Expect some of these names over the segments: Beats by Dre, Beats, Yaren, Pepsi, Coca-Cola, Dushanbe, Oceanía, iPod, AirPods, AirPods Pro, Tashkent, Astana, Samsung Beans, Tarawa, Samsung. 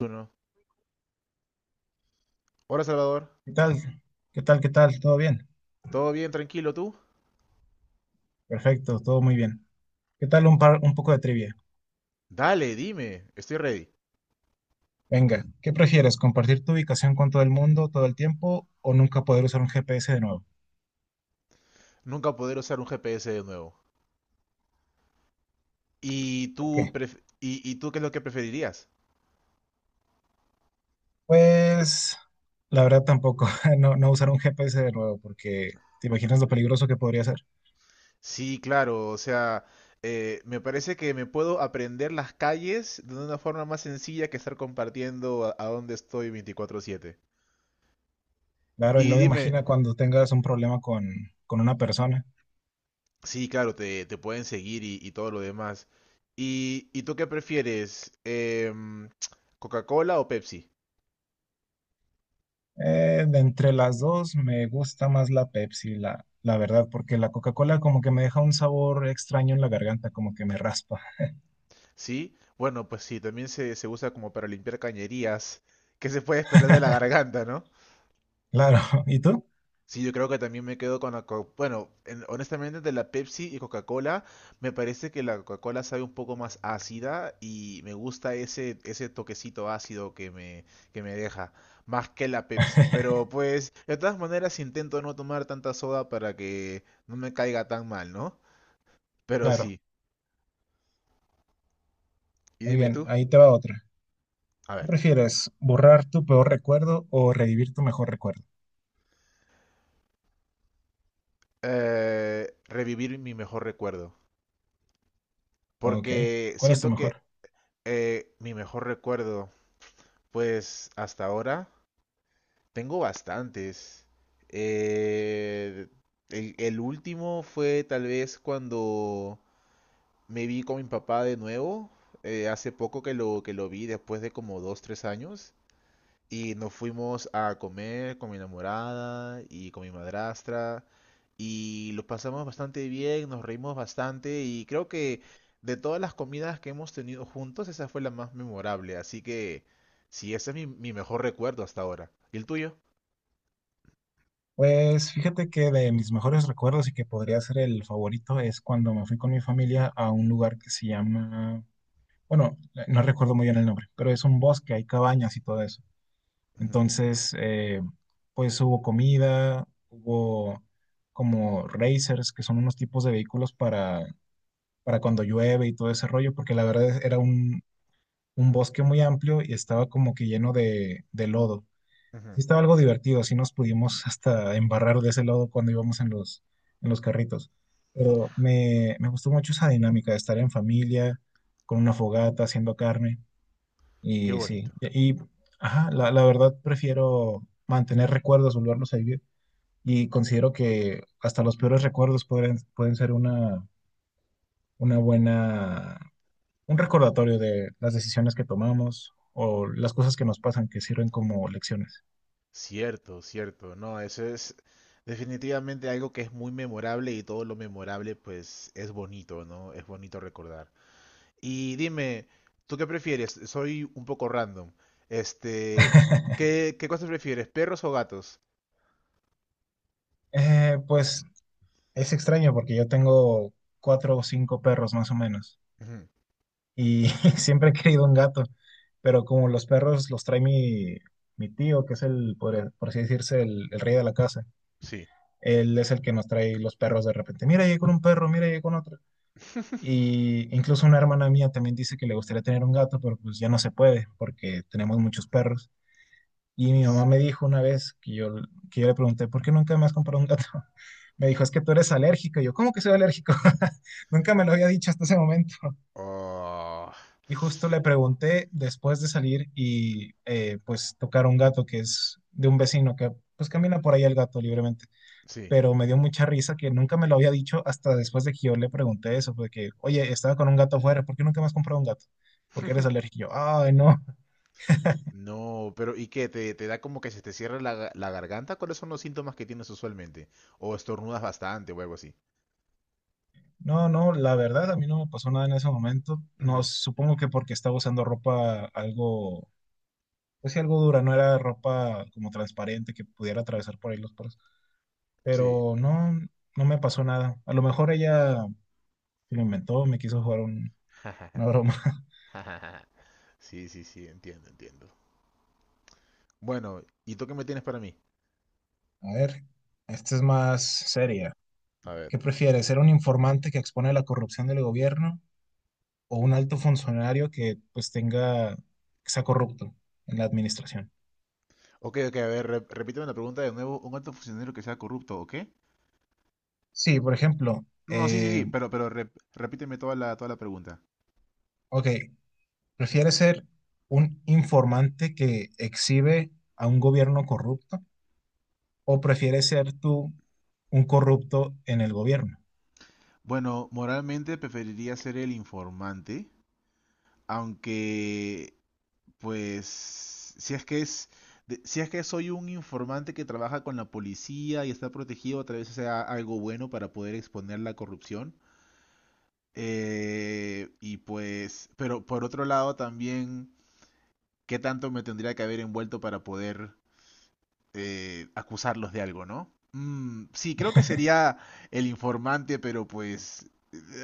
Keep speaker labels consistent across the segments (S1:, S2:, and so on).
S1: Uno. Hola Salvador,
S2: ¿Qué tal? ¿Qué tal? ¿Qué tal? ¿Todo bien?
S1: ¿todo bien, tranquilo tú?
S2: Perfecto, todo muy bien. ¿Qué tal un poco de trivia?
S1: Dale, dime, estoy ready.
S2: Venga, ¿qué prefieres? ¿Compartir tu ubicación con todo el mundo todo el tiempo o nunca poder usar un GPS de nuevo?
S1: Nunca poder usar un GPS de nuevo. ¿Y
S2: ¿Por
S1: tú,
S2: qué?
S1: y tú qué es lo que preferirías?
S2: Pues la verdad tampoco, no, no usar un GPS de nuevo porque te imaginas lo peligroso que podría ser.
S1: Sí, claro, o sea, me parece que me puedo aprender las calles de una forma más sencilla que estar compartiendo a dónde estoy 24/7.
S2: Claro, y
S1: Y
S2: luego
S1: dime,
S2: imagina cuando tengas un problema con una persona.
S1: sí, claro, te pueden seguir y todo lo demás. Y tú qué prefieres? ¿Coca-Cola o Pepsi?
S2: De entre las dos me gusta más la Pepsi, la verdad, porque la Coca-Cola como que me deja un sabor extraño en la garganta, como que me raspa.
S1: Sí, bueno, pues sí, también se usa como para limpiar cañerías. ¿Qué se puede esperar de la garganta, no?
S2: Claro, ¿y tú?
S1: Sí, yo creo que también me quedo con la Bueno, honestamente de la Pepsi y Coca-Cola, me parece que la Coca-Cola sabe un poco más ácida y me gusta ese, ese toquecito ácido que me deja, más que la Pepsi. Pero pues, de todas maneras intento no tomar tanta soda para que no me caiga tan mal, ¿no? Pero
S2: Claro,
S1: sí, y
S2: muy
S1: dime
S2: bien,
S1: tú,
S2: ahí te va otra.
S1: a
S2: ¿Qué
S1: ver,
S2: prefieres, borrar tu peor recuerdo o revivir tu mejor recuerdo?
S1: revivir mi mejor recuerdo.
S2: Ok,
S1: Porque
S2: ¿cuál es tu
S1: siento que
S2: mejor?
S1: mi mejor recuerdo, pues hasta ahora, tengo bastantes. Eh, el último fue tal vez cuando me vi con mi papá de nuevo, hace poco que lo vi, después de como dos, tres años. Y nos fuimos a comer con mi enamorada y con mi madrastra. Y lo pasamos bastante bien, nos reímos bastante. Y creo que de todas las comidas que hemos tenido juntos, esa fue la más memorable. Así que sí, ese es mi, mi mejor recuerdo hasta ahora. ¿Y el tuyo?
S2: Pues fíjate que de mis mejores recuerdos y que podría ser el favorito es cuando me fui con mi familia a un lugar que se llama, bueno, no recuerdo muy bien el nombre, pero es un bosque, hay cabañas y todo eso.
S1: Ujú,
S2: Entonces, pues hubo comida, hubo como racers, que son unos tipos de vehículos para cuando llueve y todo ese rollo, porque la verdad era un bosque muy amplio y estaba como que lleno de lodo. Sí
S1: ujú.
S2: estaba algo divertido, así nos pudimos hasta embarrar de ese lodo cuando íbamos en en los carritos. Pero me gustó mucho esa dinámica de estar en familia, con una fogata, haciendo carne.
S1: Qué
S2: Y sí,
S1: bonito.
S2: y, y, ajá, la verdad prefiero mantener recuerdos, volverlos a vivir. Y considero que hasta los peores recuerdos pueden ser una buena un recordatorio de las decisiones que tomamos o las cosas que nos pasan que sirven como lecciones.
S1: Cierto, cierto. No, eso es definitivamente algo que es muy memorable y todo lo memorable pues es bonito, ¿no? Es bonito recordar. Y dime, ¿tú qué prefieres? Soy un poco random. Este, ¿qué, qué cosas prefieres, perros o gatos?
S2: Pues es extraño porque yo tengo cuatro o cinco perros más o menos
S1: Ujú,
S2: y siempre he querido un gato, pero como los perros los trae mi tío, que es el, por así decirse, el rey de la casa,
S1: sí.
S2: él es el que nos trae los perros de repente. Mira, llegué con un perro, mira, llegué con otro. Y incluso una hermana mía también dice que le gustaría tener un gato, pero pues ya no se puede porque tenemos muchos perros. Y mi mamá
S1: Sí.
S2: me dijo una vez que yo le pregunté, ¿por qué nunca me has comprado un gato? Me dijo, es que tú eres alérgico. Y yo, ¿cómo que soy alérgico? Nunca me lo había dicho hasta ese momento.
S1: Oh,
S2: Y justo le pregunté después de salir y pues tocar un gato que es de un vecino que pues camina por ahí el gato libremente.
S1: sí.
S2: Pero me dio mucha risa que nunca me lo había dicho hasta después de que yo le pregunté eso, porque, oye, estaba con un gato afuera, ¿por qué nunca me has comprado un gato? Porque eres alérgico. Y yo, ay, no.
S1: No, pero ¿y qué? ¿Te, te da como que se te cierra la, la garganta? ¿Cuáles son los síntomas que tienes usualmente? ¿O estornudas bastante o algo así?
S2: No, no, la verdad a mí no me pasó nada en ese momento. No,
S1: Ujú,
S2: supongo que porque estaba usando ropa algo, pues sí, algo dura, no era ropa como transparente que pudiera atravesar por ahí los poros.
S1: sí.
S2: Pero no, no me pasó nada. A lo mejor ella se lo inventó, me quiso jugar una broma.
S1: Sí, sí, sí, entiendo, entiendo. Bueno, ¿y tú qué me tienes para mí?
S2: A ver, esta es más seria.
S1: A ver.
S2: ¿Qué prefieres, ser un informante que expone la corrupción del gobierno o un alto funcionario que pues tenga, que sea corrupto en la administración?
S1: Ok, ok, a ver, repíteme la pregunta de nuevo. ¿Un alto funcionario que sea corrupto o qué?
S2: Sí, por ejemplo,
S1: No, no, sí, sí, sí, pero repíteme toda la pregunta.
S2: ok, ¿prefiere ser un informante que exhibe a un gobierno corrupto o prefiere ser tú un corrupto en el gobierno
S1: Bueno, moralmente preferiría ser el informante, aunque, pues, si es que es, si es que soy un informante que trabaja con la policía y está protegido, tal vez sea algo bueno para poder exponer la corrupción. Y pues, pero por otro lado también, ¿qué tanto me tendría que haber envuelto para poder acusarlos de algo, ¿no? Sí, creo que sería el informante, pero pues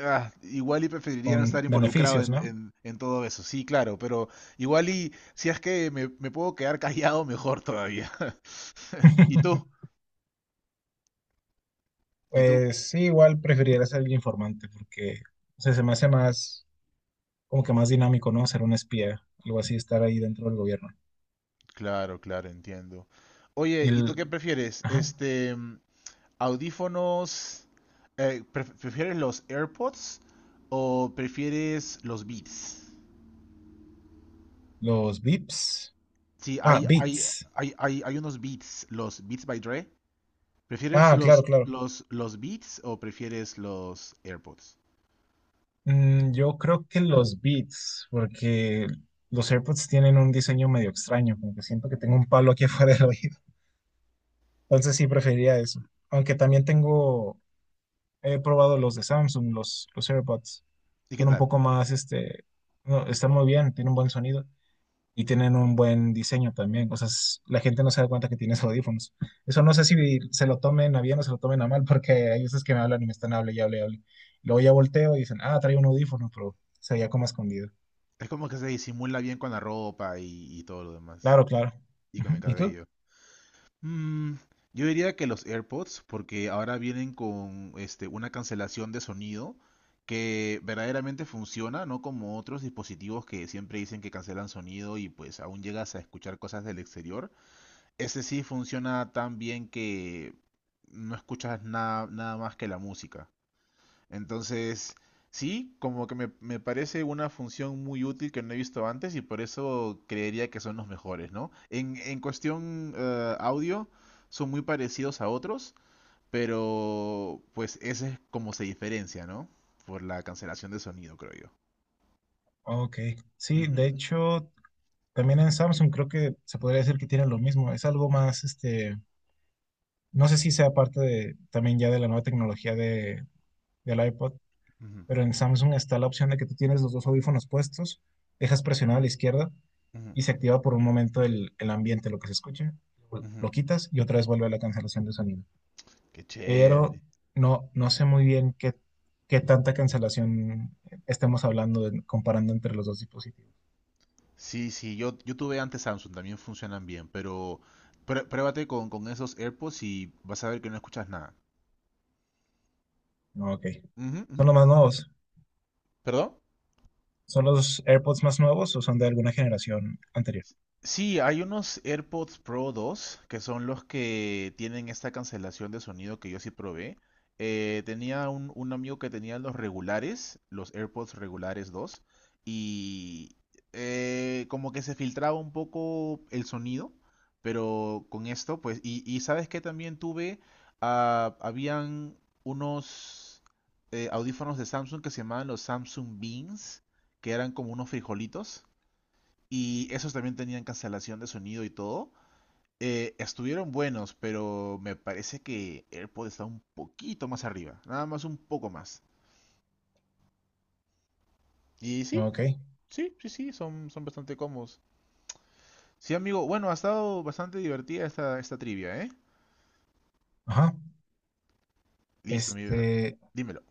S1: igual y preferiría no
S2: con
S1: estar involucrado
S2: beneficios,
S1: en,
S2: ¿no?
S1: en todo eso. Sí, claro, pero igual y si es que me puedo quedar callado, mejor todavía. ¿Y tú? ¿Y tú?
S2: Pues sí, igual preferiría ser el informante porque, o sea, se me hace más, como que más dinámico, ¿no? Ser un espía, algo así, estar ahí dentro del gobierno.
S1: Claro, claro, entiendo.
S2: Y
S1: Oye, ¿y tú
S2: el-
S1: qué prefieres?
S2: ajá,
S1: Este, audífonos, ¿prefieres los AirPods o prefieres los Beats?
S2: los VIPs.
S1: Sí,
S2: Ah,
S1: hay, hay,
S2: bits.
S1: hay, hay, hay unos beats, los Beats by Dre. ¿Prefieres
S2: Ah, claro, claro.
S1: los beats o prefieres los AirPods?
S2: Mm, yo creo que los Beats, porque los AirPods tienen un diseño medio extraño, como que siento que tengo un palo aquí afuera del oído. Entonces sí preferiría eso. Aunque también tengo, he probado los de Samsung, los AirPods.
S1: ¿Y qué
S2: Son un
S1: tal?
S2: poco más, no, están muy bien, tienen un buen sonido y tienen un buen diseño también. O sea, la gente no se da cuenta que tienes audífonos. Eso no sé si se lo tomen a bien o se lo tomen a mal, porque hay veces que me hablan y me están hable y hable y hable. Luego ya volteo y dicen, ah, trae un audífono, pero se veía como escondido.
S1: Es como que se disimula bien con la ropa y todo lo demás.
S2: Claro, claro.
S1: Y
S2: Ujú.
S1: con el
S2: ¿Y tú?
S1: cabello. Mm, yo diría que los AirPods, porque ahora vienen con este, una cancelación de sonido que verdaderamente funciona, no como otros dispositivos que siempre dicen que cancelan sonido y pues aún llegas a escuchar cosas del exterior. Ese sí funciona tan bien que no escuchas nada, nada más que la música. Entonces, sí, como que me parece una función muy útil que no he visto antes y por eso creería que son los mejores, ¿no? En cuestión audio, son muy parecidos a otros, pero pues ese es como se diferencia, ¿no? Por la cancelación de sonido, creo yo.
S2: Ok. Sí, de
S1: Ujú,
S2: hecho, también en Samsung creo que se podría decir que tienen lo mismo. Es algo más, no sé si sea parte de, también ya de la nueva tecnología de, del iPod,
S1: ujú,
S2: pero en Samsung está la opción de que tú tienes los dos audífonos puestos, dejas presionado a la izquierda
S1: ujú,
S2: y se activa por un momento el ambiente, lo que se escuche,
S1: ujú.
S2: lo quitas y otra vez vuelve a la cancelación de sonido.
S1: Qué
S2: Pero
S1: chévere.
S2: no, no sé muy bien qué tanta cancelación estemos hablando comparando entre los dos dispositivos.
S1: Sí, sí, yo tuve antes Samsung, también funcionan bien, pero pruébate con esos AirPods y vas a ver que no escuchas nada.
S2: Ok.
S1: Ujú, ujú.
S2: ¿Son los más nuevos?
S1: ¿Perdón?
S2: ¿Son los AirPods más nuevos o son de alguna generación anterior?
S1: Sí, hay unos AirPods Pro 2 que son los que tienen esta cancelación de sonido que yo sí probé. Tenía un amigo que tenía los regulares, los AirPods regulares 2, y como que se filtraba un poco el sonido, pero con esto, pues, y sabes que también tuve, habían unos audífonos de Samsung que se llamaban los Samsung Beans, que eran como unos frijolitos y esos también tenían cancelación de sonido y todo. Estuvieron buenos, pero me parece que AirPod está un poquito más arriba, nada más un poco más. Y sí,
S2: Ok.
S1: sí, sí, sí, son, son bastante cómodos. Sí, amigo, bueno, ha estado bastante divertida esta, esta trivia, ¿eh?
S2: Ajá.
S1: Listo, mi bro.
S2: Este,
S1: Dímelo.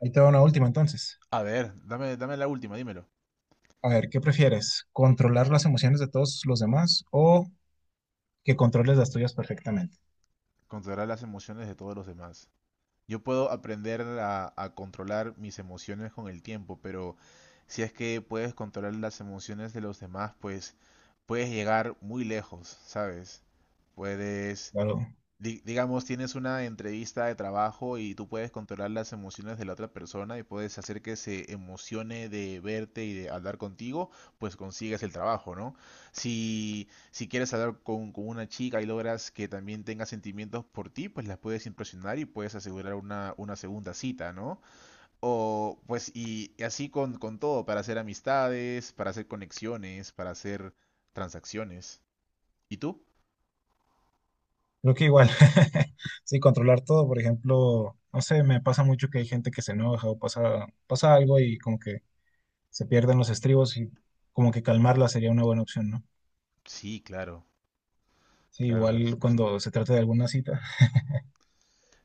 S2: ahí te va una última entonces.
S1: A ver, dame, dame la última, dímelo.
S2: A ver, ¿qué prefieres? ¿Controlar las emociones de todos los demás o que controles las tuyas perfectamente?
S1: Contará las emociones de todos los demás. Yo puedo aprender a controlar mis emociones con el tiempo, pero si es que puedes controlar las emociones de los demás, pues puedes llegar muy lejos, ¿sabes? Puedes
S2: Claro.
S1: digamos, tienes una entrevista de trabajo y tú puedes controlar las emociones de la otra persona y puedes hacer que se emocione de verte y de hablar contigo, pues consigues el trabajo, ¿no? Si, si quieres hablar con una chica y logras que también tenga sentimientos por ti, pues la puedes impresionar y puedes asegurar una segunda cita, ¿no? O pues y así con todo, para hacer amistades, para hacer conexiones, para hacer transacciones. ¿Y tú?
S2: Creo que igual. Sí, controlar todo, por ejemplo, no sé, me pasa mucho que hay gente que se enoja o pasa, pasa algo y como que se pierden los estribos y como que calmarla sería una buena opción, ¿no?
S1: Sí, claro,
S2: Sí,
S1: claro, es,
S2: igual cuando se trata de alguna cita,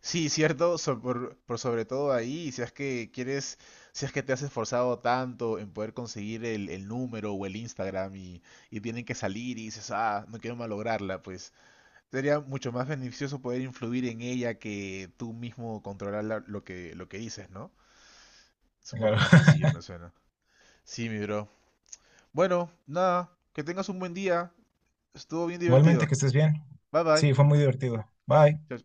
S1: sí, cierto, por sobre todo ahí, si es que quieres, si es que te has esforzado tanto en poder conseguir el número o el Instagram y tienen que salir y dices, ah, no quiero malograrla, pues sería mucho más beneficioso poder influir en ella que tú mismo controlar la- lo que dices, ¿no? Es un poco más
S2: claro.
S1: sencillo, me suena. Sí, mi bro. Bueno, nada, que tengas un buen día. Estuvo bien
S2: Igualmente,
S1: divertido.
S2: que estés bien.
S1: Bye bye.
S2: Sí, fue muy divertido. Bye.
S1: Chao,